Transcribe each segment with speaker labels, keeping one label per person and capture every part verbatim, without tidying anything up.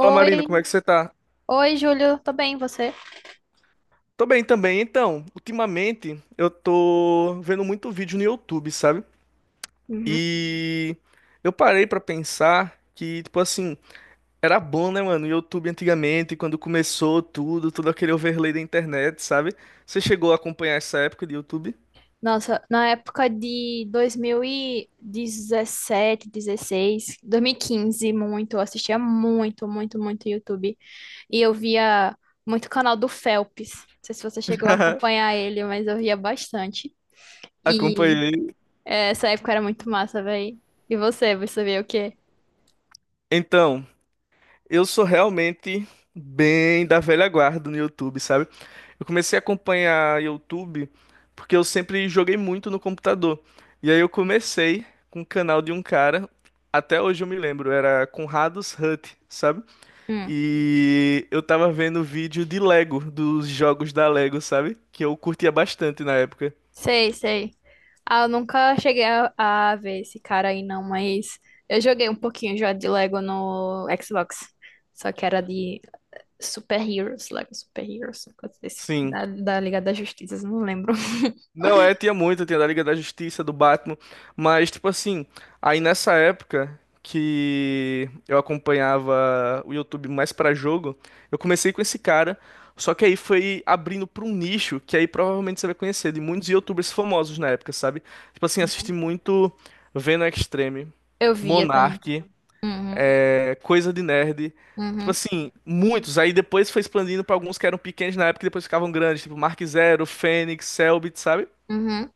Speaker 1: Fala Marina, como é que você tá?
Speaker 2: oi, Júlio, tô bem, e você?
Speaker 1: Tô bem também. Então, ultimamente eu tô vendo muito vídeo no YouTube, sabe?
Speaker 2: Uhum.
Speaker 1: E eu parei pra pensar que, tipo assim, era bom, né, mano? O YouTube antigamente, quando começou tudo, todo aquele overlay da internet, sabe? Você chegou a acompanhar essa época de YouTube?
Speaker 2: Nossa, na época de dois mil e dezessete, dezesseis, dois mil e quinze, muito, eu assistia muito, muito, muito YouTube. E eu via muito canal do Phelps. Não sei se você chegou a acompanhar ele, mas eu via bastante. E
Speaker 1: Acompanhei.
Speaker 2: é, essa época era muito massa, velho. E você, você via o quê?
Speaker 1: Então. Eu sou realmente bem da velha guarda no YouTube, sabe? Eu comecei a acompanhar YouTube porque eu sempre joguei muito no computador. E aí eu comecei com o canal de um cara, até hoje eu me lembro, era Conrados Hut, sabe?
Speaker 2: Hum,
Speaker 1: E eu tava vendo vídeo de Lego, dos jogos da Lego, sabe? Que eu curtia bastante na época.
Speaker 2: sei, sei. Ah, eu nunca cheguei a, a ver esse cara aí, não, mas eu joguei um pouquinho já de Lego no Xbox. Só que era de Super Heroes, Lego Super Heroes, uma coisa desse,
Speaker 1: Sim.
Speaker 2: da, da Liga da Justiça, não lembro.
Speaker 1: Não, é, tinha muito, tinha da Liga da Justiça, do Batman, mas tipo assim, aí nessa época que eu acompanhava o YouTube mais pra jogo, eu comecei com esse cara, só que aí foi abrindo pra um nicho que aí provavelmente você vai conhecer de muitos YouTubers famosos na época, sabe? Tipo assim, assisti muito Venom Extreme,
Speaker 2: Eu via também.
Speaker 1: Monark,
Speaker 2: Uhum,
Speaker 1: é, Coisa de Nerd, tipo
Speaker 2: uhum,
Speaker 1: assim, muitos. Aí depois foi expandindo pra alguns que eram pequenos na época e depois ficavam grandes, tipo Mark Zero, Fênix, Selbit, sabe?
Speaker 2: uhum.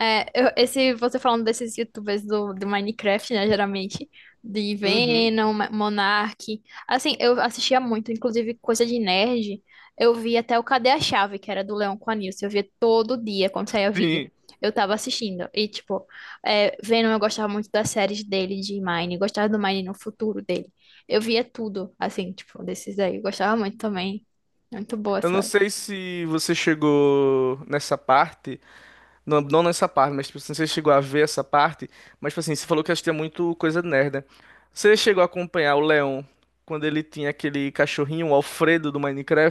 Speaker 2: É, eu- esse, você falando desses youtubers do, do Minecraft, né, geralmente, de
Speaker 1: Uhum,
Speaker 2: Venom, Ma- Monark, assim, eu assistia muito, inclusive coisa de nerd, eu via até o Cadê a Chave, que era do Leão com a Nilce, eu via todo dia quando saía vídeo,
Speaker 1: sim.
Speaker 2: eu tava assistindo, e tipo, é, Venom eu gostava muito das séries dele de Mine, gostava do Mine no futuro dele, eu via tudo, assim, tipo, desses aí, eu gostava muito também, muito boa.
Speaker 1: Eu não sei se você chegou nessa parte, não, não nessa parte, mas tipo, se você chegou a ver essa parte, mas tipo assim, você falou que assistia muito coisa nerd, né? Você chegou a acompanhar o Leon quando ele tinha aquele cachorrinho, o Alfredo do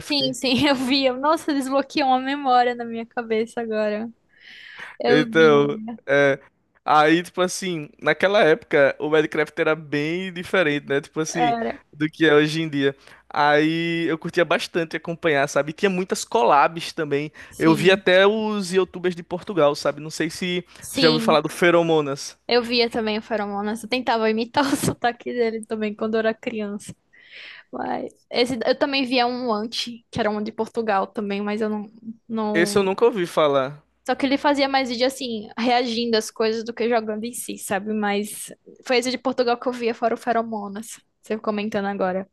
Speaker 2: Sim, sim, eu vi. Nossa, desbloqueou uma memória na minha cabeça agora. Eu
Speaker 1: Então,
Speaker 2: via.
Speaker 1: é. Aí, tipo assim, naquela época o Minecraft era bem diferente, né? Tipo assim,
Speaker 2: Era.
Speaker 1: do que é hoje em dia. Aí eu curtia bastante acompanhar, sabe? Tinha muitas collabs também. Eu vi
Speaker 2: Sim.
Speaker 1: até os YouTubers de Portugal, sabe? Não sei se você já ouviu
Speaker 2: Sim.
Speaker 1: falar do Feromonas.
Speaker 2: Eu via também o Feromonas. Eu tentava imitar o sotaque dele também quando eu era criança. Mas esse, eu também via um anti, que era um de Portugal também, mas eu não,
Speaker 1: Esse eu
Speaker 2: não...
Speaker 1: nunca ouvi falar.
Speaker 2: Só que ele fazia mais vídeo assim, reagindo às coisas do que jogando em si, sabe? Mas foi esse de Portugal que eu via, fora o Feromonas. Você comentando agora.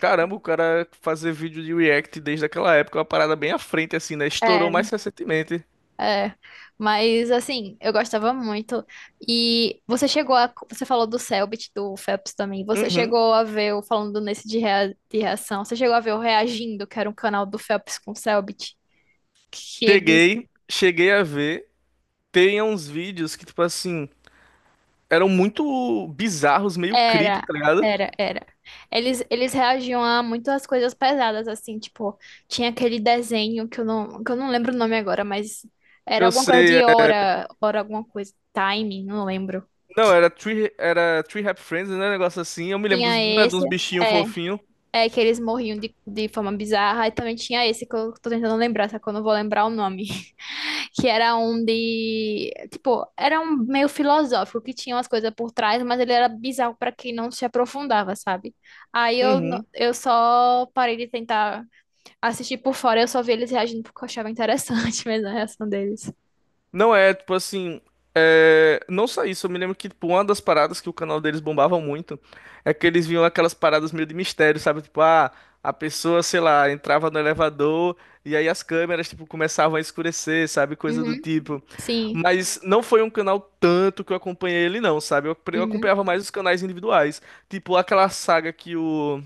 Speaker 1: Caramba, o cara fazer vídeo de React desde aquela época, é uma parada bem à frente, assim, né?
Speaker 2: É,
Speaker 1: Estourou mais recentemente.
Speaker 2: É, mas assim, eu gostava muito. E você chegou a. Você falou do Selbit, do Phelps também. Você
Speaker 1: Uhum.
Speaker 2: chegou a ver, o falando nesse de, rea- de reação, você chegou a ver o Reagindo, que era um canal do Phelps com o Selbit, que eles.
Speaker 1: Cheguei, cheguei a ver. Tem uns vídeos que, tipo assim, eram muito bizarros, meio creepy,
Speaker 2: Era,
Speaker 1: tá ligado?
Speaker 2: era, era. Eles, eles reagiam a muitas coisas pesadas, assim, tipo, tinha aquele desenho que eu não, que eu não lembro o nome agora, mas era
Speaker 1: Eu
Speaker 2: alguma coisa
Speaker 1: sei.
Speaker 2: de hora, hora alguma coisa, time, não lembro.
Speaker 1: Não, era Tree, era Tree Happy Friends, né? Um negócio assim. Eu me lembro
Speaker 2: Tinha
Speaker 1: dos, não é,
Speaker 2: esse.
Speaker 1: dos bichinhos
Speaker 2: é,
Speaker 1: fofinhos.
Speaker 2: É que eles morriam de, de forma bizarra. E também tinha esse que eu tô tentando lembrar, só que eu não vou lembrar o nome. Que era um de. Tipo, era um meio filosófico, que tinha umas coisas por trás, mas ele era bizarro pra quem não se aprofundava, sabe? Aí eu, n-
Speaker 1: Uhum.
Speaker 2: eu só parei de tentar assistir por fora, eu só vi eles reagindo porque eu achava interessante mesmo a reação deles.
Speaker 1: Não é, tipo assim. É, não só isso, eu me lembro que, tipo, uma das paradas que o canal deles bombava muito é que eles vinham aquelas paradas meio de mistério, sabe? Tipo, ah, a pessoa, sei lá, entrava no elevador e aí as câmeras, tipo, começavam a escurecer, sabe? Coisa do
Speaker 2: Uhum.
Speaker 1: tipo.
Speaker 2: Sim.
Speaker 1: Mas não foi um canal tanto que eu acompanhei ele, não, sabe? Eu, eu
Speaker 2: Uhum.
Speaker 1: acompanhava mais os canais individuais. Tipo, aquela saga que o.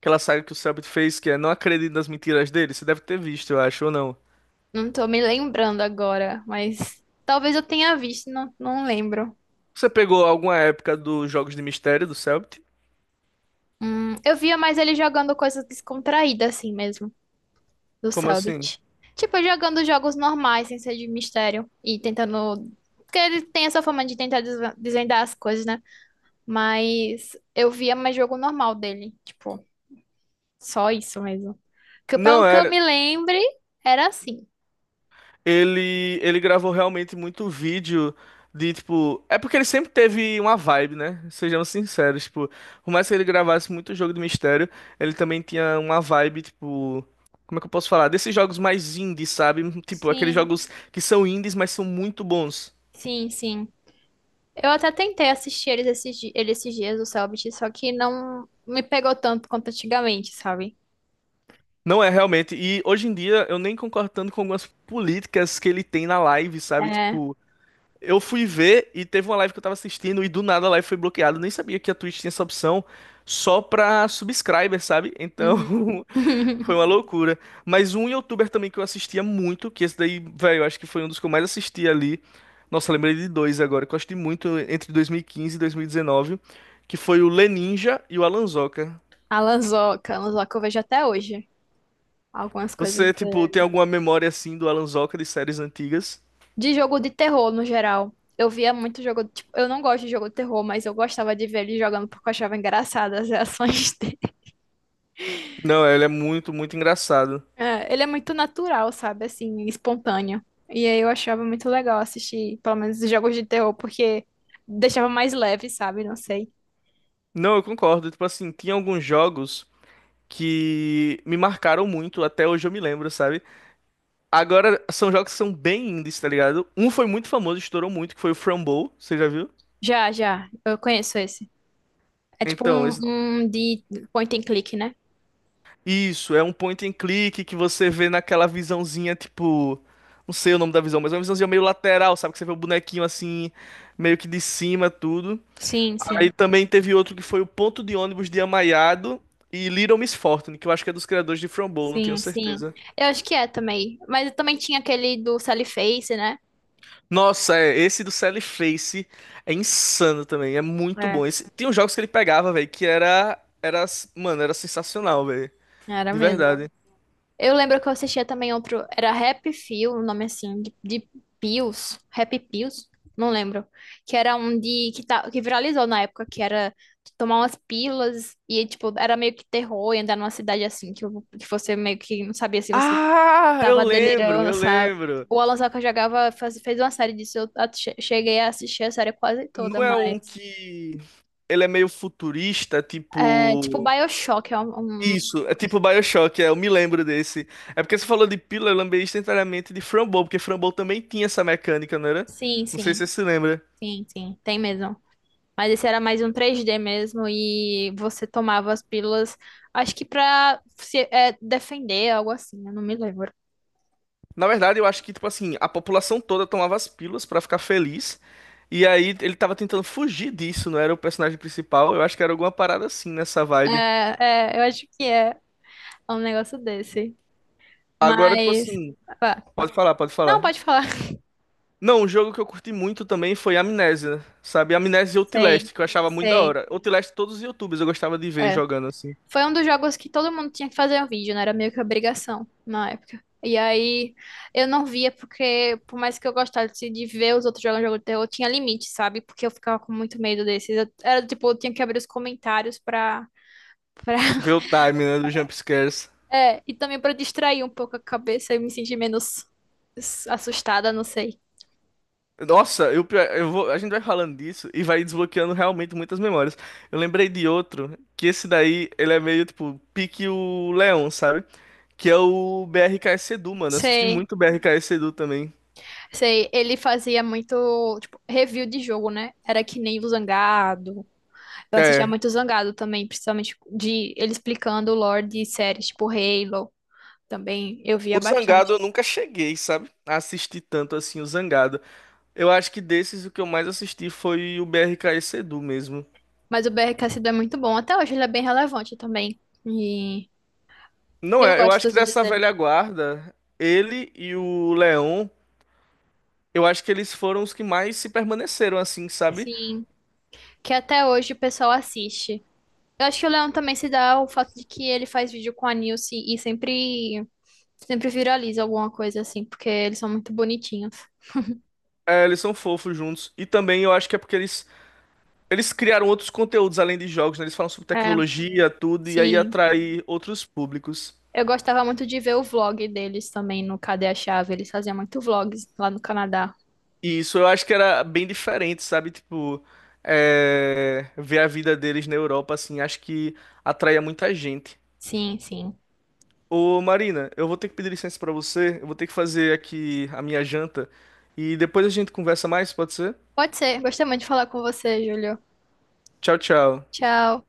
Speaker 1: Aquela saga que o Selbit fez, que é Não Acredito nas Mentiras dele, você deve ter visto, eu acho, ou não?
Speaker 2: Não tô me lembrando agora, mas talvez eu tenha visto, não, não lembro.
Speaker 1: Você pegou alguma época dos Jogos de Mistério do Cellbit?
Speaker 2: Hum, eu via mais ele jogando coisas descontraídas, assim mesmo, do
Speaker 1: Como assim?
Speaker 2: Cellbit. Tipo, jogando jogos normais, sem ser de mistério. E tentando. Porque ele tem essa forma de tentar desva- desvendar as coisas, né? Mas eu via mais jogo normal dele. Tipo, só isso mesmo. Que, eu- pelo
Speaker 1: Não,
Speaker 2: que eu
Speaker 1: é.
Speaker 2: me lembre, era assim.
Speaker 1: Ele, ele gravou realmente muito vídeo de, tipo. É porque ele sempre teve uma vibe, né? Sejamos sinceros, tipo. Por mais que ele gravasse muito jogo de mistério, ele também tinha uma vibe, tipo. Como é que eu posso falar? Desses jogos mais indies, sabe? Tipo, aqueles
Speaker 2: Sim,
Speaker 1: jogos que são indies, mas são muito bons.
Speaker 2: sim, sim. Eu até tentei assistir eles esses, di- ele esses dias, o Cellbit, só que não me pegou tanto quanto antigamente, sabe?
Speaker 1: Não é realmente. E hoje em dia eu nem concordo tanto com algumas políticas que ele tem na live, sabe?
Speaker 2: É.
Speaker 1: Tipo. Eu fui ver e teve uma live que eu tava assistindo e do nada a live foi bloqueada. Eu nem sabia que a Twitch tinha essa opção só pra subscriber, sabe? Então
Speaker 2: Uhum.
Speaker 1: foi uma loucura. Mas um youtuber também que eu assistia muito, que esse daí, velho, eu acho que foi um dos que eu mais assisti ali. Nossa, eu lembrei de dois agora, que eu assisti muito entre dois mil e quinze e dois mil e dezenove, que foi o Leninja e o Alanzoca.
Speaker 2: A Lanzoca, a Lanzoca eu vejo até hoje. Algumas coisas
Speaker 1: Você, tipo, tem
Speaker 2: de,
Speaker 1: alguma memória assim do Alanzoca de séries antigas?
Speaker 2: de jogo de terror no geral. Eu via muito jogo, tipo, eu não gosto de jogo de terror, mas eu gostava de ver ele jogando porque eu achava engraçadas as reações dele.
Speaker 1: Não, ele é muito, muito engraçado.
Speaker 2: É, ele é muito natural, sabe? Assim, espontâneo. E aí eu achava muito legal assistir, pelo menos, os jogos de terror, porque deixava mais leve, sabe? Não sei.
Speaker 1: Não, eu concordo. Tipo assim, tinha alguns jogos que me marcaram muito, até hoje eu me lembro, sabe? Agora, são jogos que são bem indies, tá ligado? Um foi muito famoso, estourou muito, que foi o Frumble, você já viu?
Speaker 2: Já, já, eu conheço esse. É tipo
Speaker 1: Então,
Speaker 2: um,
Speaker 1: esse
Speaker 2: um de point and click, né?
Speaker 1: isso, é um point and click que você vê naquela visãozinha, tipo. Não sei o nome da visão, mas é uma visãozinha meio lateral, sabe? Que você vê o bonequinho assim, meio que de cima, tudo.
Speaker 2: Sim,
Speaker 1: Aí
Speaker 2: sim.
Speaker 1: também teve outro que foi o Ponto de Ônibus de Amaiado e Little Miss Fortune, que eu acho que é dos criadores de Frumble, não tenho
Speaker 2: Sim, sim.
Speaker 1: certeza.
Speaker 2: Eu acho que é também. Mas também tinha aquele do Sally Face, né?
Speaker 1: Nossa, é, esse do Sally Face é insano também, é muito
Speaker 2: É.
Speaker 1: bom. Esse, tem uns jogos que ele pegava, velho, que era, era, mano, era sensacional, velho,
Speaker 2: Era
Speaker 1: de
Speaker 2: mesmo.
Speaker 1: verdade.
Speaker 2: Eu lembro que eu assistia também outro. Era Rap Feel, o nome assim, de, de Pills. Rap Pills? Não lembro. Que era um de. Que, tá, que viralizou na época, que era tomar umas pílulas e, tipo, era meio que terror e andar numa cidade assim, que, o- que você meio que não sabia se você
Speaker 1: Ah, eu
Speaker 2: tava
Speaker 1: lembro,
Speaker 2: delirando,
Speaker 1: eu
Speaker 2: sabe?
Speaker 1: lembro.
Speaker 2: O Alan Saka jogava, faz- fez uma série disso. Eu a- che- cheguei a assistir a série quase toda,
Speaker 1: Não é
Speaker 2: mas.
Speaker 1: um que ele é meio futurista,
Speaker 2: É, tipo
Speaker 1: tipo
Speaker 2: Bioshock, é um, um-
Speaker 1: isso, é tipo BioShock, é, eu me lembro desse. É porque você falou de pílula, eu lembrei instantaneamente de Framboesa, porque Framboesa também tinha essa mecânica, não era?
Speaker 2: Sim,
Speaker 1: Não sei se
Speaker 2: sim,
Speaker 1: você se lembra.
Speaker 2: sim, sim, tem mesmo. Mas esse era mais um três D mesmo e você tomava as pílulas, acho que pra se é, defender, algo assim, eu não me lembro.
Speaker 1: Na verdade, eu acho que, tipo assim, a população toda tomava as pílulas pra ficar feliz. E aí ele tava tentando fugir disso, não era o personagem principal. Eu acho que era alguma parada assim nessa
Speaker 2: É,
Speaker 1: vibe.
Speaker 2: é, eu acho que é um negócio desse.
Speaker 1: Agora, tipo
Speaker 2: Mas...
Speaker 1: assim,
Speaker 2: ah, vai.
Speaker 1: pode falar, pode
Speaker 2: Não,
Speaker 1: falar.
Speaker 2: pode falar.
Speaker 1: Não, um jogo que eu curti muito também foi Amnésia, sabe? Amnésia e
Speaker 2: Sei,
Speaker 1: Outlast, que eu achava muito da
Speaker 2: sei.
Speaker 1: hora. Outlast, todos os YouTubers eu gostava de ver
Speaker 2: é.
Speaker 1: jogando assim.
Speaker 2: Foi um dos jogos que todo mundo tinha que fazer um vídeo, né? Era meio que obrigação na época. E aí eu não via porque, por mais que eu gostasse de ver os outros jogando jogo de terror, tinha limite, sabe? Porque eu ficava com muito medo desses. Eu- era do tipo, eu tinha que abrir os comentários pra, pra...
Speaker 1: Ver o time, né, dos jumpscares.
Speaker 2: É, e também pra distrair um pouco a cabeça e me sentir menos s- assustada, não sei.
Speaker 1: Nossa, eu, pior eu vou, a gente vai falando disso e vai desbloqueando realmente muitas memórias. Eu lembrei de outro, que esse daí, ele é meio tipo pique o Leão, sabe? Que é o B R K S Edu, mano. Eu assisti
Speaker 2: Sei,
Speaker 1: muito B R K S Edu também.
Speaker 2: sei. Ele fazia muito, tipo, review de jogo, né? Era que nem o Zangado. Eu assistia
Speaker 1: É,
Speaker 2: muito Zangado também, principalmente de ele explicando o lore de séries tipo Halo, também eu via
Speaker 1: o Zangado
Speaker 2: bastante.
Speaker 1: eu nunca cheguei, sabe? A assistir tanto assim o Zangado. Eu acho que desses o que eu mais assisti foi o B R K S Edu mesmo.
Speaker 2: Mas o B R Cassidy é muito bom, até hoje ele é bem relevante também. E
Speaker 1: Não
Speaker 2: eu
Speaker 1: é, eu
Speaker 2: gosto
Speaker 1: acho
Speaker 2: dos
Speaker 1: que
Speaker 2: vídeos
Speaker 1: dessa
Speaker 2: dele.
Speaker 1: velha guarda, ele e o Leon, eu acho que eles foram os que mais se permaneceram assim, sabe?
Speaker 2: Sim, que até hoje o pessoal assiste. Eu acho que o Leão também se dá o fato de que ele faz vídeo com a Nilce e sempre sempre viraliza alguma coisa assim, porque eles são muito bonitinhos.
Speaker 1: É, eles são fofos juntos. E também eu acho que é porque eles, eles criaram outros conteúdos além de jogos, né? Eles falam sobre
Speaker 2: É,
Speaker 1: tecnologia, tudo, e aí
Speaker 2: sim.
Speaker 1: atrai outros públicos.
Speaker 2: Eu gostava muito de ver o vlog deles também no Cadê a Chave. Eles faziam muito vlogs lá no Canadá.
Speaker 1: E isso eu acho que era bem diferente, sabe? Tipo, é, ver a vida deles na Europa, assim, acho que atraía muita gente.
Speaker 2: Sim, sim.
Speaker 1: Ô, Marina, eu vou ter que pedir licença pra você, eu vou ter que fazer aqui a minha janta, e depois a gente conversa mais, pode ser?
Speaker 2: Pode ser. Gostei muito de falar com você, Júlio.
Speaker 1: Tchau, tchau.
Speaker 2: Tchau.